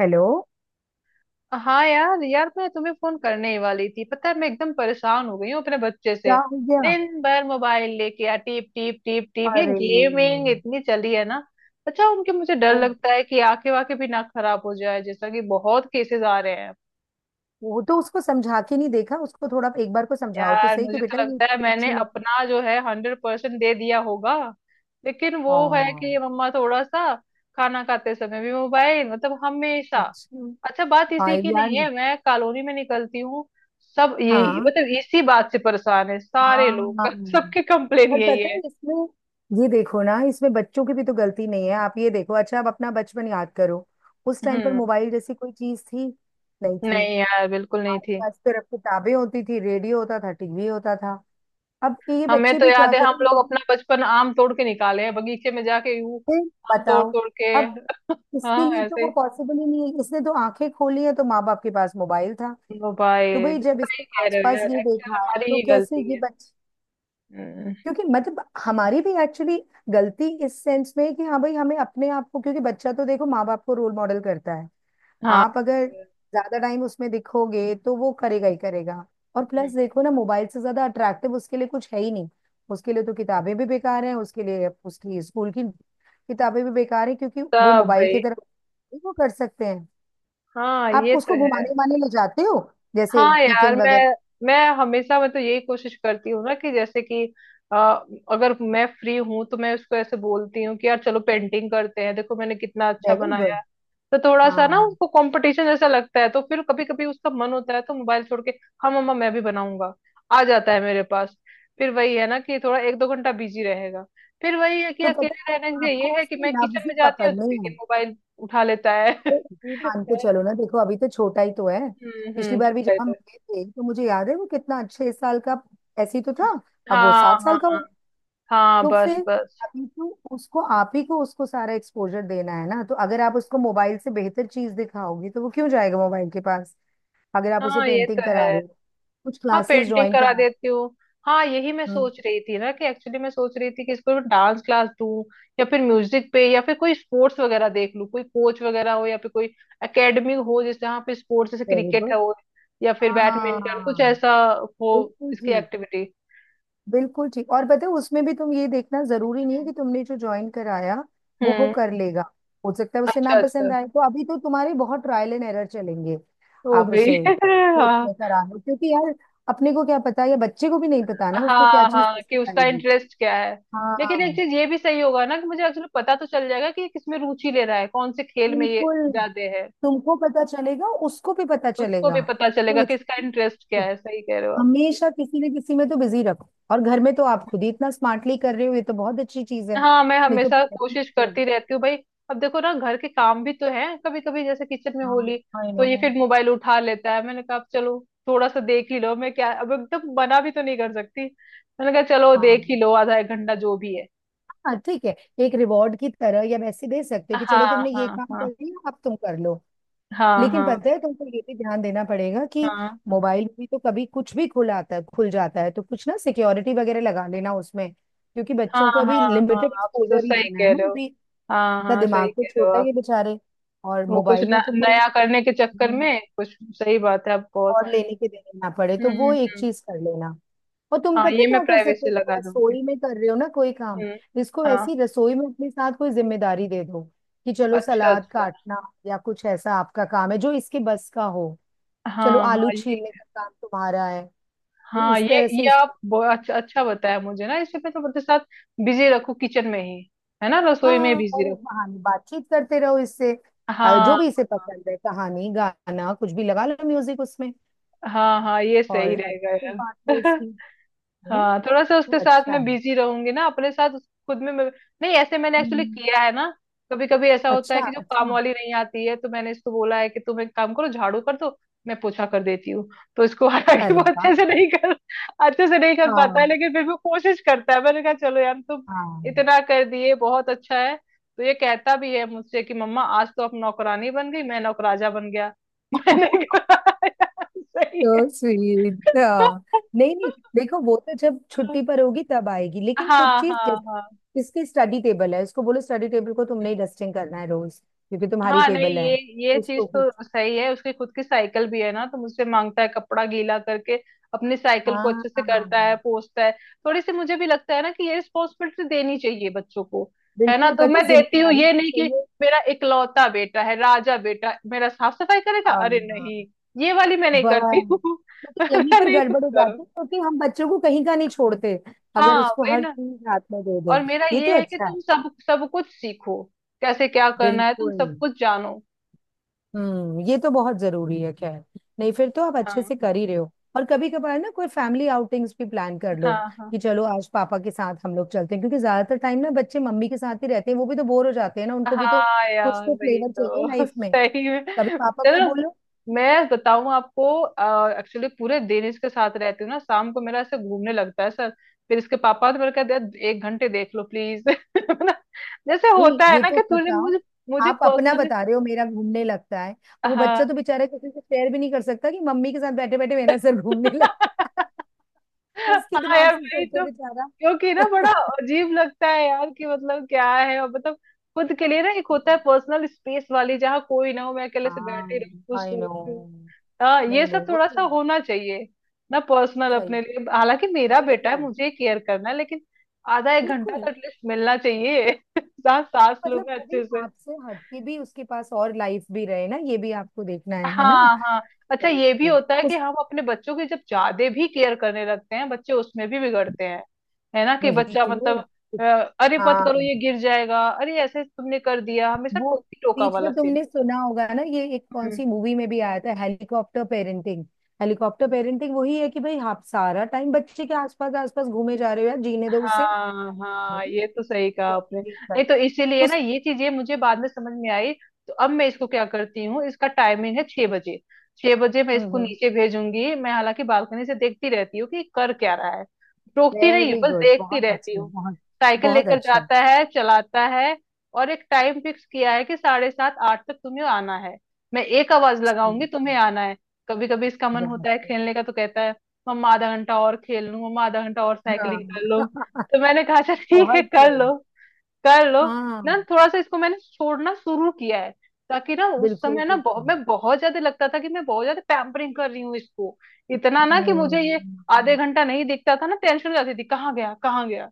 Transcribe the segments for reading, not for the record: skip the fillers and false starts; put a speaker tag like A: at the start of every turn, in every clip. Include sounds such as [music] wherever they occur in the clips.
A: Hello.
B: हाँ यार यार, मैं तुम्हें फोन करने ही वाली थी। पता है, मैं एकदम परेशान हो गई हूँ अपने बच्चे से।
A: क्या हो गया?
B: दिन भर मोबाइल लेके आ टीप टीप टीप टीप, ये
A: अरे।
B: गेमिंग इतनी चली है ना। अच्छा, उनके मुझे डर
A: वो
B: लगता है कि आंखें वाखें भी ना खराब हो जाए, जैसा कि बहुत केसेस आ रहे हैं।
A: वो तो उसको समझा के नहीं देखा, उसको थोड़ा एक बार को समझाओ तो
B: यार,
A: सही कि
B: मुझे
A: बेटा
B: तो
A: ये
B: लगता है
A: चीज
B: मैंने
A: अच्छी नहीं।
B: अपना जो है हंड्रेड परसेंट दे दिया होगा। लेकिन वो है कि ये
A: हाँ।
B: मम्मा थोड़ा सा खाना खाते समय भी मोबाइल, मतलब हमेशा।
A: अच्छा।
B: अच्छा, बात
A: हाँ
B: इसी की
A: यार।
B: नहीं है, मैं कॉलोनी में निकलती हूँ, सब ये
A: हाँ।
B: मतलब इसी बात से परेशान है, सारे
A: हाँ।
B: लोग [laughs] सबकी कंप्लेन
A: पर पता
B: यही है।
A: है इसमें, ये देखो ना, इसमें बच्चों की भी तो गलती नहीं है। आप ये देखो। अच्छा आप अपना बचपन याद करो, उस टाइम पर
B: हम्म।
A: मोबाइल जैसी कोई चीज थी? नहीं थी।
B: नहीं यार, बिल्कुल नहीं
A: हमारे
B: थी।
A: पास सिर्फ किताबें होती थी, रेडियो होता था, टीवी होता था। अब ये
B: हमें
A: बच्चे
B: तो
A: भी क्या
B: याद है, हम
A: करें?
B: लोग अपना बचपन आम तोड़ के निकाले हैं बगीचे में जाके, यूं
A: फिर
B: आम तोड़
A: बताओ।
B: तोड़ के
A: अब
B: [laughs]
A: इसके
B: हाँ
A: लिए तो
B: ऐसे।
A: वो पॉसिबल ही नहीं है, इसने तो आंखें खोली है तो माँ बाप के पास मोबाइल था। तो भाई
B: मोबाइल,
A: जब
B: सही
A: इसने
B: कह रहे हो
A: आसपास
B: यार,
A: ये
B: एक्चुअल
A: देखा
B: हमारी
A: तो
B: ही
A: कैसे
B: गलती
A: ये
B: है।
A: बच।
B: हम्म।
A: क्योंकि मतलब हमारी भी एक्चुअली गलती इस सेंस में है कि हाँ भाई हमें अपने आप को, क्योंकि बच्चा तो देखो माँ बाप को रोल मॉडल करता है।
B: हाँ।
A: आप अगर ज्यादा टाइम उसमें दिखोगे तो वो करेगा ही करेगा। और प्लस
B: हम्म।
A: देखो ना, मोबाइल से ज्यादा अट्रैक्टिव उसके लिए कुछ है ही नहीं। उसके लिए तो किताबें भी बेकार हैं, उसके लिए उसकी स्कूल की किताबें भी बेकार है क्योंकि वो
B: सब
A: मोबाइल की
B: भाई।
A: तरफ। नहीं वो कर सकते हैं।
B: हाँ,
A: आप
B: ये तो
A: उसको
B: है।
A: घुमाने उमाने ले जाते हो, जैसे
B: हाँ यार,
A: वीकेंड
B: मैं
A: वगैरह?
B: मैं हमेशा मतलब यही कोशिश करती हूँ ना कि जैसे कि अ, अगर मैं फ्री हूँ तो मैं उसको ऐसे बोलती हूँ कि यार चलो पेंटिंग करते हैं, देखो मैंने कितना अच्छा
A: वेरी
B: बनाया।
A: गुड।
B: तो थोड़ा सा ना
A: हाँ।
B: उसको कंपटीशन जैसा लगता है, तो फिर कभी कभी उसका मन होता है तो मोबाइल छोड़ के "हाँ मम्मा मैं भी बनाऊंगा" आ जाता है मेरे पास। फिर वही है ना कि थोड़ा एक दो घंटा बिजी रहेगा। फिर वही है कि
A: तो पता
B: अकेले रहने
A: है
B: से
A: आपको
B: ये है कि
A: उसकी
B: मैं किचन
A: नब्ज ही
B: में जाती हूँ तो
A: पकड़नी
B: फिर ये
A: है।
B: मोबाइल उठा लेता है [laughs]
A: तो ये मान के चलो ना, देखो अभी तो छोटा ही तो है। पिछली
B: हम्म,
A: बार भी
B: छोटा
A: जब
B: ही
A: हम
B: तो।
A: मिले थे तो मुझे याद है वो कितना 6 साल का ऐसे ही तो था। अब वो
B: हाँ
A: सात
B: हाँ
A: साल का हो
B: हाँ।
A: गया।
B: हाँ
A: तो
B: बस
A: फिर
B: बस।
A: अभी तो उसको आप ही को उसको सारा एक्सपोजर देना है ना, तो अगर आप उसको मोबाइल से बेहतर चीज दिखाओगे तो वो क्यों जाएगा मोबाइल के पास? अगर आप उसे
B: हाँ, ये तो
A: पेंटिंग
B: है।
A: करा रहे हो, कुछ
B: हाँ,
A: क्लासेस
B: पेंटिंग
A: ज्वाइन
B: करा
A: करा।
B: देती हूँ। हाँ, यही मैं
A: हम्म।
B: सोच रही थी ना कि एक्चुअली मैं सोच रही थी कि इसको डांस क्लास दूँ, या फिर म्यूजिक पे, या फिर कोई स्पोर्ट्स वगैरह देख लूँ, कोई कोच वगैरह हो या फिर कोई एकेडमी हो, जैसे यहाँ पे स्पोर्ट्स जैसे
A: वेरी
B: क्रिकेट
A: गुड।
B: है हो, या फिर बैडमिंटन कुछ
A: हाँ।
B: ऐसा हो,
A: बिल्कुल
B: इसकी
A: ठीक।
B: एक्टिविटी।
A: बिल्कुल ठीक और पता है उसमें भी तुम ये देखना जरूरी नहीं है कि तुमने जो ज्वाइन कराया वो
B: हम्म।
A: कर लेगा। हो सकता है उसे ना
B: अच्छा अच्छा।
A: पसंद आए, तो अभी तो तुम्हारे बहुत ट्रायल एंड एरर चलेंगे।
B: ओ
A: आप
B: भाई
A: उसे कोच में
B: [laughs]
A: करा लो क्योंकि यार अपने को क्या पता, या बच्चे को भी नहीं पता
B: हाँ
A: ना उसको क्या
B: हाँ
A: चीज
B: हाँ, कि
A: पसंद
B: उसका
A: आएगी।
B: इंटरेस्ट क्या है। लेकिन एक
A: हाँ।
B: चीज ये भी सही होगा ना कि मुझे एक्चुअली पता तो चल जाएगा कि ये किसमें रुचि ले रहा है, कौन से खेल में ये
A: बिल्कुल।
B: ज्यादा है।
A: तुमको पता चलेगा, उसको भी पता
B: उसको
A: चलेगा।
B: भी पता चलेगा
A: तो
B: कि
A: इस-
B: इसका इंटरेस्ट क्या है, सही कह रहे हो आप।
A: हमेशा किसी न किसी में तो बिजी रखो, और घर में तो आप खुद ही इतना स्मार्टली कर रहे हो, ये तो बहुत अच्छी चीज है।
B: हाँ, मैं
A: नहीं तो
B: हमेशा
A: पेरेंट्स
B: कोशिश
A: तो।
B: करती रहती हूँ भाई। अब देखो ना घर के काम भी तो हैं, कभी कभी जैसे किचन में
A: हाँ
B: होली,
A: आई
B: तो
A: नो।
B: ये फिर मोबाइल उठा लेता है। मैंने कहा अब चलो, थोड़ा सा देख ही लो, मैं क्या अब एकदम मना भी तो नहीं कर सकती। मैंने कहा चलो देख ही
A: हाँ
B: लो, आधा एक घंटा जो भी है।
A: हाँ ठीक है। एक रिवॉर्ड की तरह या वैसे दे सकते हो कि
B: हाँ
A: चलो तुमने ये
B: हाँ
A: काम कर
B: हाँ
A: लिया अब तुम कर लो।
B: हाँ
A: लेकिन
B: हाँ
A: पता है तुमको ये भी ध्यान देना पड़ेगा कि
B: हाँ
A: मोबाइल में भी तो कभी कुछ भी खुल आता है, खुल जाता है, तो कुछ ना सिक्योरिटी वगैरह लगा लेना उसमें क्योंकि
B: हाँ
A: बच्चों को अभी
B: हाँ हाँ,
A: लिमिटेड
B: आप तो
A: एक्सपोजर ही
B: सही
A: देना है
B: कह
A: ना,
B: रहे हो।
A: अभी
B: हाँ
A: इनका
B: हाँ,
A: दिमाग
B: सही
A: तो
B: कह रहे हो
A: छोटा ही
B: आप।
A: है बेचारे। और
B: वो कुछ
A: मोबाइल
B: न,
A: में तो कोई
B: नया करने के चक्कर
A: हम्म,
B: में, कुछ सही बात है आप बहुत।
A: और लेने के देने ना पड़े, तो
B: हम्म।
A: वो एक
B: हम्म।
A: चीज कर लेना। और तुम
B: हाँ,
A: पता
B: ये
A: है
B: मैं
A: क्या कर सकते
B: प्राइवेसी
A: हो, तुम
B: लगा दूंगी।
A: रसोई में कर रहे हो ना कोई काम,
B: हम्म।
A: इसको
B: हाँ।
A: वैसी रसोई में अपने साथ कोई जिम्मेदारी दे दो कि चलो
B: अच्छा
A: सलाद
B: अच्छा।
A: काटना, या कुछ ऐसा आपका काम है जो इसके बस का हो। चलो
B: हाँ हाँ
A: आलू
B: ये।
A: छीलने का काम तुम्हारा है। तो
B: हाँ
A: इस
B: ये
A: तरह से
B: ये
A: इसको।
B: आप अच्छा अच्छा बताया मुझे ना, इसे मैं तो अपने साथ बिजी रखूं किचन में ही, है ना, रसोई में
A: हाँ,
B: बिजी
A: और
B: रखूं।
A: इस बहाने बातचीत करते रहो इससे।
B: हाँ
A: जो भी इसे
B: हाँ
A: पसंद है कहानी गाना, कुछ भी लगा लो म्यूजिक उसमें।
B: हाँ। हाँ, ये
A: और
B: सही
A: ऐसा
B: रहेगा
A: कुछ
B: यार
A: बांट लो
B: [laughs]
A: इसकी, है ना?
B: हाँ थोड़ा सा
A: तो
B: उसके साथ
A: अच्छा
B: मैं
A: है।
B: बिजी रहूंगी ना, अपने साथ खुद में मैं। नहीं ऐसे मैंने एक्चुअली
A: हम्म।
B: किया है ना। कभी कभी ऐसा होता
A: अच्छा
B: है कि जो काम
A: अच्छा।
B: वाली नहीं आती है, तो मैंने इसको बोला है कि तुम एक काम करो, झाड़ू कर दो, मैं पोछा कर देती हूँ। तो इसको [laughs] हालांकि
A: अरे
B: वो
A: वाह।
B: अच्छे से नहीं कर, अच्छे से नहीं कर पाता है,
A: हाँ
B: लेकिन फिर भी वो कोशिश करता है। मैंने कहा चलो यार, तुम
A: हाँ।
B: इतना कर दिए बहुत अच्छा है। तो ये कहता भी है मुझसे कि "मम्मा आज तो आप नौकरानी बन गई, मैं नौकराजा बन गया" [laughs] मैंने कहा "यार, सही है"
A: तो स्वीट। हाँ। नहीं नहीं, देखो वो तो जब छुट्टी
B: [laughs]
A: पर होगी तब आएगी, लेकिन कुछ
B: हाँ
A: चीज
B: हाँ हाँ।
A: जैसे इसकी स्टडी टेबल है उसको बोलो स्टडी टेबल को तुमने ही डस्टिंग करना है रोज। क्योंकि तुम्हारी
B: हाँ, नहीं
A: टेबल है।
B: ये चीज
A: उसको कुछ।
B: तो सही है, उसकी खुद की साइकिल भी है ना, तो मुझसे मांगता है कपड़ा गीला करके अपनी साइकिल को
A: हाँ
B: अच्छे से
A: हाँ।
B: करता है, पोंछता है। थोड़ी सी मुझे भी लगता है ना कि ये रिस्पॉन्सिबिलिटी देनी चाहिए बच्चों को, है ना,
A: बिल्कुल
B: तो
A: पता
B: मैं
A: है,
B: देती हूँ।
A: जिम्मेदारी
B: ये नहीं कि
A: चाहिए।
B: मेरा इकलौता बेटा है, राजा बेटा मेरा साफ सफाई करेगा,
A: हाँ
B: अरे
A: हाँ,
B: नहीं, ये वाली मैं नहीं करती हूँ
A: बस
B: [laughs]
A: क्योंकि यहीं पर
B: नहीं तुम
A: गड़बड़ हो
B: करो।
A: जाती है क्योंकि हम बच्चों को कहीं का नहीं छोड़ते, अगर
B: हाँ
A: उसको
B: वही
A: हर
B: ना।
A: चीज हाथ में दे दें।
B: और मेरा
A: ये तो
B: ये है कि
A: अच्छा है।
B: तुम सब सब कुछ सीखो, कैसे क्या करना है, तुम
A: बिल्कुल।
B: सब कुछ जानो।
A: ये तो बहुत जरूरी है खैर। नहीं फिर तो आप अच्छे
B: हाँ।
A: से कर ही रहे हो। और कभी कभार ना कोई फैमिली आउटिंग्स भी प्लान कर लो,
B: हाँ हाँ
A: कि चलो आज पापा के साथ हम लोग चलते हैं, क्योंकि ज्यादातर टाइम ना बच्चे मम्मी के साथ ही रहते हैं, वो भी तो बोर हो जाते हैं ना, उनको भी तो
B: हाँ।
A: कुछ
B: यार,
A: तो
B: वही
A: फ्लेवर चाहिए
B: तो [laughs]
A: लाइफ में।
B: सही में।
A: कभी पापा को
B: चलो
A: बोलो।
B: मैं बताऊं आपको, एक्चुअली पूरे दिन इसके साथ रहती हूँ ना, शाम को मेरा ऐसे घूमने लगता है सर। फिर इसके पापा तो मेरे कहते हैं "एक घंटे देख लो प्लीज" [laughs] ना, जैसे
A: नहीं
B: होता है
A: ये
B: ना
A: तो
B: कि तुझे मुझे
A: बताओ,
B: मुझे
A: आप अपना
B: पर्सनली।
A: बता रहे हो मेरा घूमने लगता है, वो बच्चा
B: हाँ
A: तो बेचारा किसी से शेयर भी नहीं कर सकता कि मम्मी के साथ बैठे बैठे मेरा सर घूमने [laughs] लगता
B: [laughs]
A: है। उसके
B: हाँ
A: दिमाग
B: यार
A: से
B: वही
A: सोचो
B: तो,
A: बेचारा।
B: क्योंकि ना
A: [laughs]
B: बड़ा अजीब लगता है यार कि मतलब क्या है, और मतलब खुद के लिए ना एक होता है पर्सनल स्पेस वाली, जहाँ कोई ना हो, मैं अकेले से बैठी रहूँ,
A: हाँ
B: कुछ
A: आई नो।
B: सोचूं। हाँ ये
A: नहीं नहीं
B: सब
A: वो
B: थोड़ा
A: तो।
B: सा होना चाहिए ना, पर्सनल अपने
A: सही।
B: लिए, हालांकि मेरा बेटा है,
A: बिल्कुल
B: मुझे केयर करना है, लेकिन आधा एक घंटा
A: बिल्कुल।
B: तो एटलीस्ट मिलना चाहिए [laughs] साथ सांस लूँ
A: मतलब
B: मैं
A: वो भी
B: अच्छे से।
A: आपसे हटके भी उसके पास और लाइफ भी रहे ना, ये भी आपको देखना है ना?
B: हाँ हाँ। अच्छा, ये भी
A: बिल्कुल।
B: होता है कि
A: उस
B: हम अपने बच्चों की जब ज्यादा भी केयर करने लगते हैं, बच्चे उसमें भी बिगड़ते हैं, है ना, कि
A: वही
B: बच्चा मतलब
A: तो।
B: अ, अरे मत करो
A: हाँ,
B: ये गिर जाएगा, अरे ऐसे तुमने कर दिया, हमेशा
A: वो
B: टोकी टोका
A: बीच
B: वाला
A: में
B: सीन।
A: तुमने सुना होगा ना ये एक कौन सी मूवी में भी आया था, हेलीकॉप्टर पेरेंटिंग। हेलीकॉप्टर पेरेंटिंग वही है कि भाई आप सारा टाइम बच्चे के आसपास आसपास घूमे जा रहे हो, यार जीने दो उसे।
B: हाँ हाँ,
A: नहीं,
B: ये तो सही कहा
A: तो
B: आपने,
A: ये
B: नहीं
A: बात-
B: तो इसीलिए ना
A: उस
B: ये चीजें मुझे बाद में समझ में आई तो अब मैं इसको क्या करती हूँ, इसका टाइमिंग है छह बजे, छह बजे मैं इसको नीचे भेजूंगी। मैं हालांकि बालकनी से देखती रहती हूँ कि कर क्या रहा है, टोकती नहीं,
A: वेरी
B: बस
A: गुड।
B: देखती
A: बहुत
B: रहती
A: अच्छी,
B: हूँ।
A: बहुत
B: साइकिल
A: बहुत
B: लेकर
A: अच्छा।
B: जाता है, चलाता है। और एक टाइम फिक्स किया है कि साढ़े सात आठ तक तुम्हें आना है, मैं एक आवाज लगाऊंगी, तुम्हें आना है। कभी कभी इसका मन
A: बहुत
B: होता है
A: सही।
B: खेलने का तो कहता है "मम्मा आधा घंटा और खेल लूं, मम्मा आधा घंटा और
A: हाँ।
B: साइकिलिंग कर लो"।
A: [laughs]
B: तो मैंने कहा अच्छा ठीक है,
A: बहुत सही।
B: कर लो ना,
A: हाँ।
B: थोड़ा सा इसको मैंने छोड़ना शुरू किया है। ताकि ना उस
A: बिल्कुल
B: समय ना बहुत,
A: बिल्कुल।
B: मैं बहुत ज्यादा लगता था कि मैं बहुत ज्यादा पैम्परिंग कर रही हूँ इसको, इतना ना कि मुझे ये आधे
A: हम्म,
B: घंटा नहीं दिखता था ना, टेंशन हो जाती थी कहाँ गया कहाँ गया।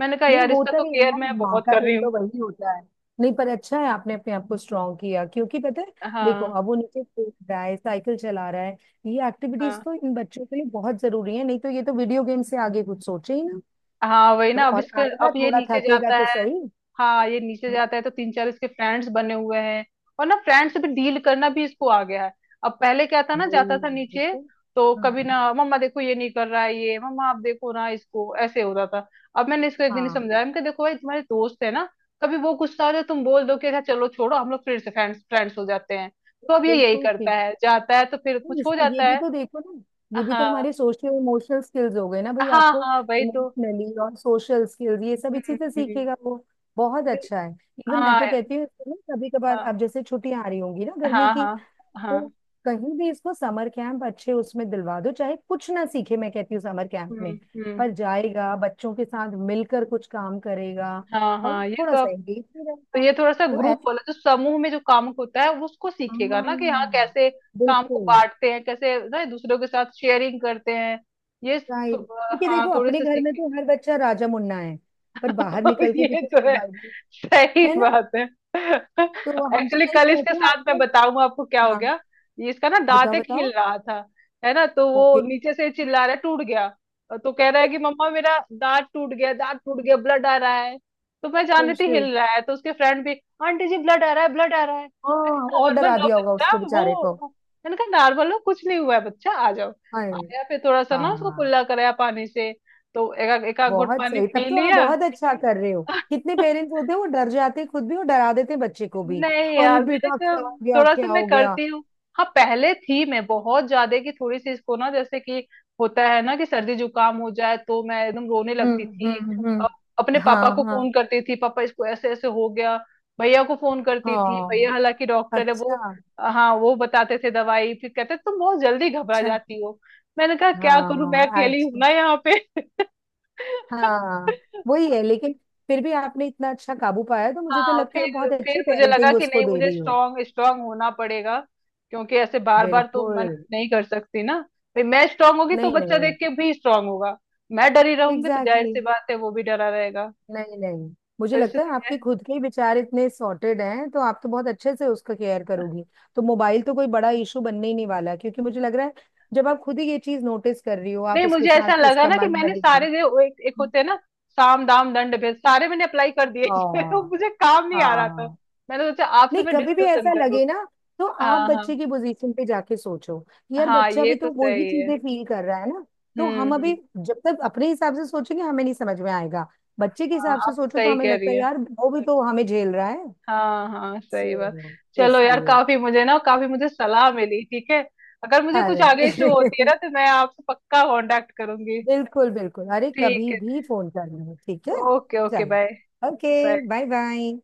B: मैंने कहा
A: नहीं
B: यार इसका
A: होता
B: तो
A: ही है
B: केयर
A: ना,
B: मैं
A: माँ
B: बहुत
A: का
B: कर
A: दिल
B: रही
A: तो
B: हूँ।
A: वही होता है। नहीं पर अच्छा है आपने अपने आप को स्ट्रांग किया, क्योंकि पता है देखो
B: हाँ।
A: अब वो नीचे कूद रहा है, साइकिल चला रहा है। ये एक्टिविटीज
B: हाँ
A: तो इन बच्चों के लिए बहुत जरूरी है, नहीं तो ये तो वीडियो गेम से आगे कुछ सोचे ही ना।
B: हाँ वही
A: तो
B: ना, अब
A: और
B: इसका
A: आएगा
B: अब ये
A: थोड़ा
B: नीचे
A: थकेगा
B: जाता
A: तो
B: है।
A: सही।
B: हाँ ये नीचे
A: हाँ,
B: जाता है तो तीन चार इसके फ्रेंड्स बने हुए हैं, और ना फ्रेंड्स से भी डील करना भी इसको आ गया है। अब पहले क्या था ना,
A: वही।
B: जाता था नीचे
A: बिल्कुल।
B: तो
A: हाँ
B: कभी ना "मम्मा देखो ये नहीं कर रहा है, ये मम्मा आप देखो ना इसको" ऐसे होता था। अब मैंने इसको एक दिन
A: हाँ।
B: समझाया, मैंने कहा देखो भाई तुम्हारे दोस्त है ना, कभी वो गुस्सा हो जाए तुम बोल दो कि "अच्छा चलो छोड़ो हम लोग फिर से फ्रेंड्स फ्रेंड्स हो जाते हैं"। तो अब ये यही
A: बिल्कुल
B: करता
A: ठीक।
B: है, जाता है तो फिर कुछ हो
A: ये
B: जाता
A: भी
B: है।
A: तो देखो ना, ये भी तो
B: हाँ
A: हमारे सोशल इमोशनल स्किल्स हो गए ना भाई
B: हाँ।
A: आपको।
B: हाँ वही तो।
A: इमोशनली और सोशल स्किल्स ये सब इसी से
B: हम्म।
A: सीखेगा वो। बहुत
B: वही-।
A: अच्छा है। इवन मैं
B: हाँ
A: तो कहती हूँ इसको ना, कभी कभार
B: हाँ
A: आप जैसे छुट्टियां आ रही होंगी ना गर्मी
B: हाँ
A: की,
B: हाँ
A: तो
B: हाँ।
A: कहीं भी इसको समर कैंप अच्छे उसमें दिलवा दो। चाहे कुछ ना सीखे, मैं कहती हूँ, समर कैंप
B: हम्म
A: में
B: हम्म।
A: पर जाएगा, बच्चों के साथ मिलकर कुछ काम करेगा,
B: हाँ
A: और
B: हाँ, ये
A: थोड़ा
B: तो
A: सा
B: अब।
A: एंगेज भी
B: तो
A: रहेगा।
B: ये थोड़ा सा
A: तो
B: ग्रुप
A: ऐसा।
B: वाला, जो समूह में जो काम होता है वो उसको सीखेगा ना कि हाँ
A: हाँ।
B: कैसे काम को
A: बिल्कुल।
B: बांटते हैं, कैसे ना दूसरों के साथ शेयरिंग करते हैं, ये
A: राइट,
B: स-
A: क्योंकि
B: हाँ
A: देखो
B: थोड़ी
A: अपने
B: सी
A: घर में
B: सीख
A: तो हर बच्चा राजा मुन्ना है, पर बाहर
B: [laughs]
A: निकल के भी
B: ये
A: तो
B: तो है,
A: सर्वाइवल
B: सही
A: है ना।
B: बात है।
A: तो हम तो
B: एक्चुअली
A: यही
B: कल इसके
A: कहते हैं
B: साथ, मैं
A: आजकल।
B: बताऊं आपको क्या हो
A: हाँ,
B: गया, ये इसका ना दांत
A: बताओ
B: एक हिल
A: बताओ।
B: रहा था, है ना, तो वो
A: ओके।
B: नीचे से चिल्ला रहा है "टूट गया", तो कह रहा है कि "मम्मा मेरा दांत टूट गया, दांत टूट गया, ब्लड आ रहा है"। तो मैं जान रही थी
A: शिट।
B: हिल रहा है, तो उसके फ्रेंड भी "आंटी जी ब्लड आ रहा है, ब्लड आ रहा है"। मैं
A: हाँ, और
B: नॉर्मल,
A: डरा
B: लो
A: दिया होगा
B: बच्चा
A: उसको बेचारे को।
B: वो। मैंने कहा "नॉर्मल हो, कुछ नहीं हुआ है बच्चा, आ जाओ"।
A: हाय।
B: आया, फिर थोड़ा सा ना उसको
A: हाँ,
B: कुल्ला कराया पानी से, तो एक एक आध घुट
A: बहुत
B: पानी
A: सही, तब
B: पी
A: तो आप
B: लिया
A: बहुत अच्छा कर रहे हो। कितने पेरेंट्स
B: [laughs]
A: होते हैं वो डर जाते हैं खुद भी, और डरा देते हैं बच्चे को भी,
B: नहीं
A: अरे
B: यार, मैंने
A: बेटा
B: कहा
A: क्या हो गया
B: थोड़ा सा
A: क्या
B: मैं
A: हो गया।
B: करती हूँ। हाँ पहले थी मैं बहुत ज्यादा, कि थोड़ी सी इसको ना, जैसे कि होता है ना कि सर्दी जुकाम हो जाए तो मैं एकदम रोने लगती थी। अ- अपने पापा
A: हाँ
B: को
A: हाँ।
B: फोन करती थी "पापा इसको ऐसे ऐसे हो गया", भैया को फोन करती थी
A: हाँ
B: भैया, हालांकि डॉक्टर है वो।
A: अच्छा।
B: हाँ वो बताते थे दवाई, फिर कहते "तुम बहुत जल्दी घबरा
A: अच्छा।
B: जाती हो"। मैंने कहा क्या करूं, मैं
A: हाँ।
B: अकेली हूं
A: अच्छा।
B: ना यहाँ पे
A: हाँ
B: [laughs]
A: वही है लेकिन फिर भी आपने इतना अच्छा काबू पाया, तो मुझे तो
B: हाँ
A: लगता है आप
B: फिर
A: बहुत
B: फिर
A: अच्छी
B: मुझे लगा
A: पेरेंटिंग
B: कि
A: उसको
B: नहीं,
A: दे
B: मुझे
A: रही हो।
B: स्ट्रांग स्ट्रांग होना पड़ेगा, क्योंकि ऐसे बार बार तो मन
A: बिल्कुल।
B: नहीं कर सकती ना भाई, मैं स्ट्रांग होगी तो
A: नहीं
B: बच्चा देख
A: नहीं।
B: के भी स्ट्रांग होगा, मैं डरी रहूंगी तो जाहिर
A: एग्जैक्टली
B: सी
A: exactly.
B: बात है वो भी डरा रहेगा।
A: नहीं नहीं,
B: तो
A: मुझे लगता है आपके
B: इसलिए
A: खुद के ही विचार इतने सॉर्टेड हैं, तो आप तो बहुत अच्छे से उसका केयर करोगी। तो मोबाइल तो कोई बड़ा इशू बनने ही नहीं वाला, क्योंकि मुझे लग रहा है जब आप खुद ही ये चीज नोटिस कर रही हो,
B: नहीं,
A: आप उसके
B: मुझे ऐसा
A: साथ
B: लगा
A: उसका
B: ना कि
A: मन
B: मैंने
A: बहल रहे
B: सारे
A: हो।
B: जो वो एक होते हैं ना, साम दाम दंड भेद, सारे मैंने अप्लाई कर दिए [laughs] तो
A: हाँ।
B: मुझे काम नहीं आ रहा था।
A: हाँ।
B: मैंने सोचा आपसे
A: नहीं
B: मैं
A: कभी भी
B: डिस्कशन
A: ऐसा
B: करूँ।
A: लगे ना, तो आप
B: हाँ हाँ
A: बच्चे की पोजीशन पे जाके सोचो कि यार
B: हाँ,
A: बच्चा
B: ये
A: भी
B: तो
A: तो वही
B: सही है।
A: चीजें फील कर रहा है ना। तो हम अभी
B: हम्म।
A: जब तक अपने हिसाब से सोचेंगे हमें नहीं समझ में आएगा, बच्चे के
B: हाँ,
A: हिसाब से
B: आप तो
A: सोचो तो
B: सही
A: हमें
B: कह रही
A: लगता है
B: हैं,
A: यार वो भी तो हमें झेल रहा है।
B: हाँ हाँ, सही बात।
A: सो
B: चलो यार,
A: इसलिए।
B: काफी मुझे ना काफी मुझे सलाह मिली, ठीक है, अगर मुझे कुछ
A: अरे
B: आगे इशू होती है ना तो मैं आपसे पक्का कांटेक्ट करूंगी।
A: [laughs] बिल्कुल बिल्कुल। अरे
B: ठीक
A: कभी
B: है।
A: भी फोन करना, ठीक है।
B: ओके ओके,
A: चलो।
B: Bye.
A: Okay.
B: Bye.
A: Bye. Bye.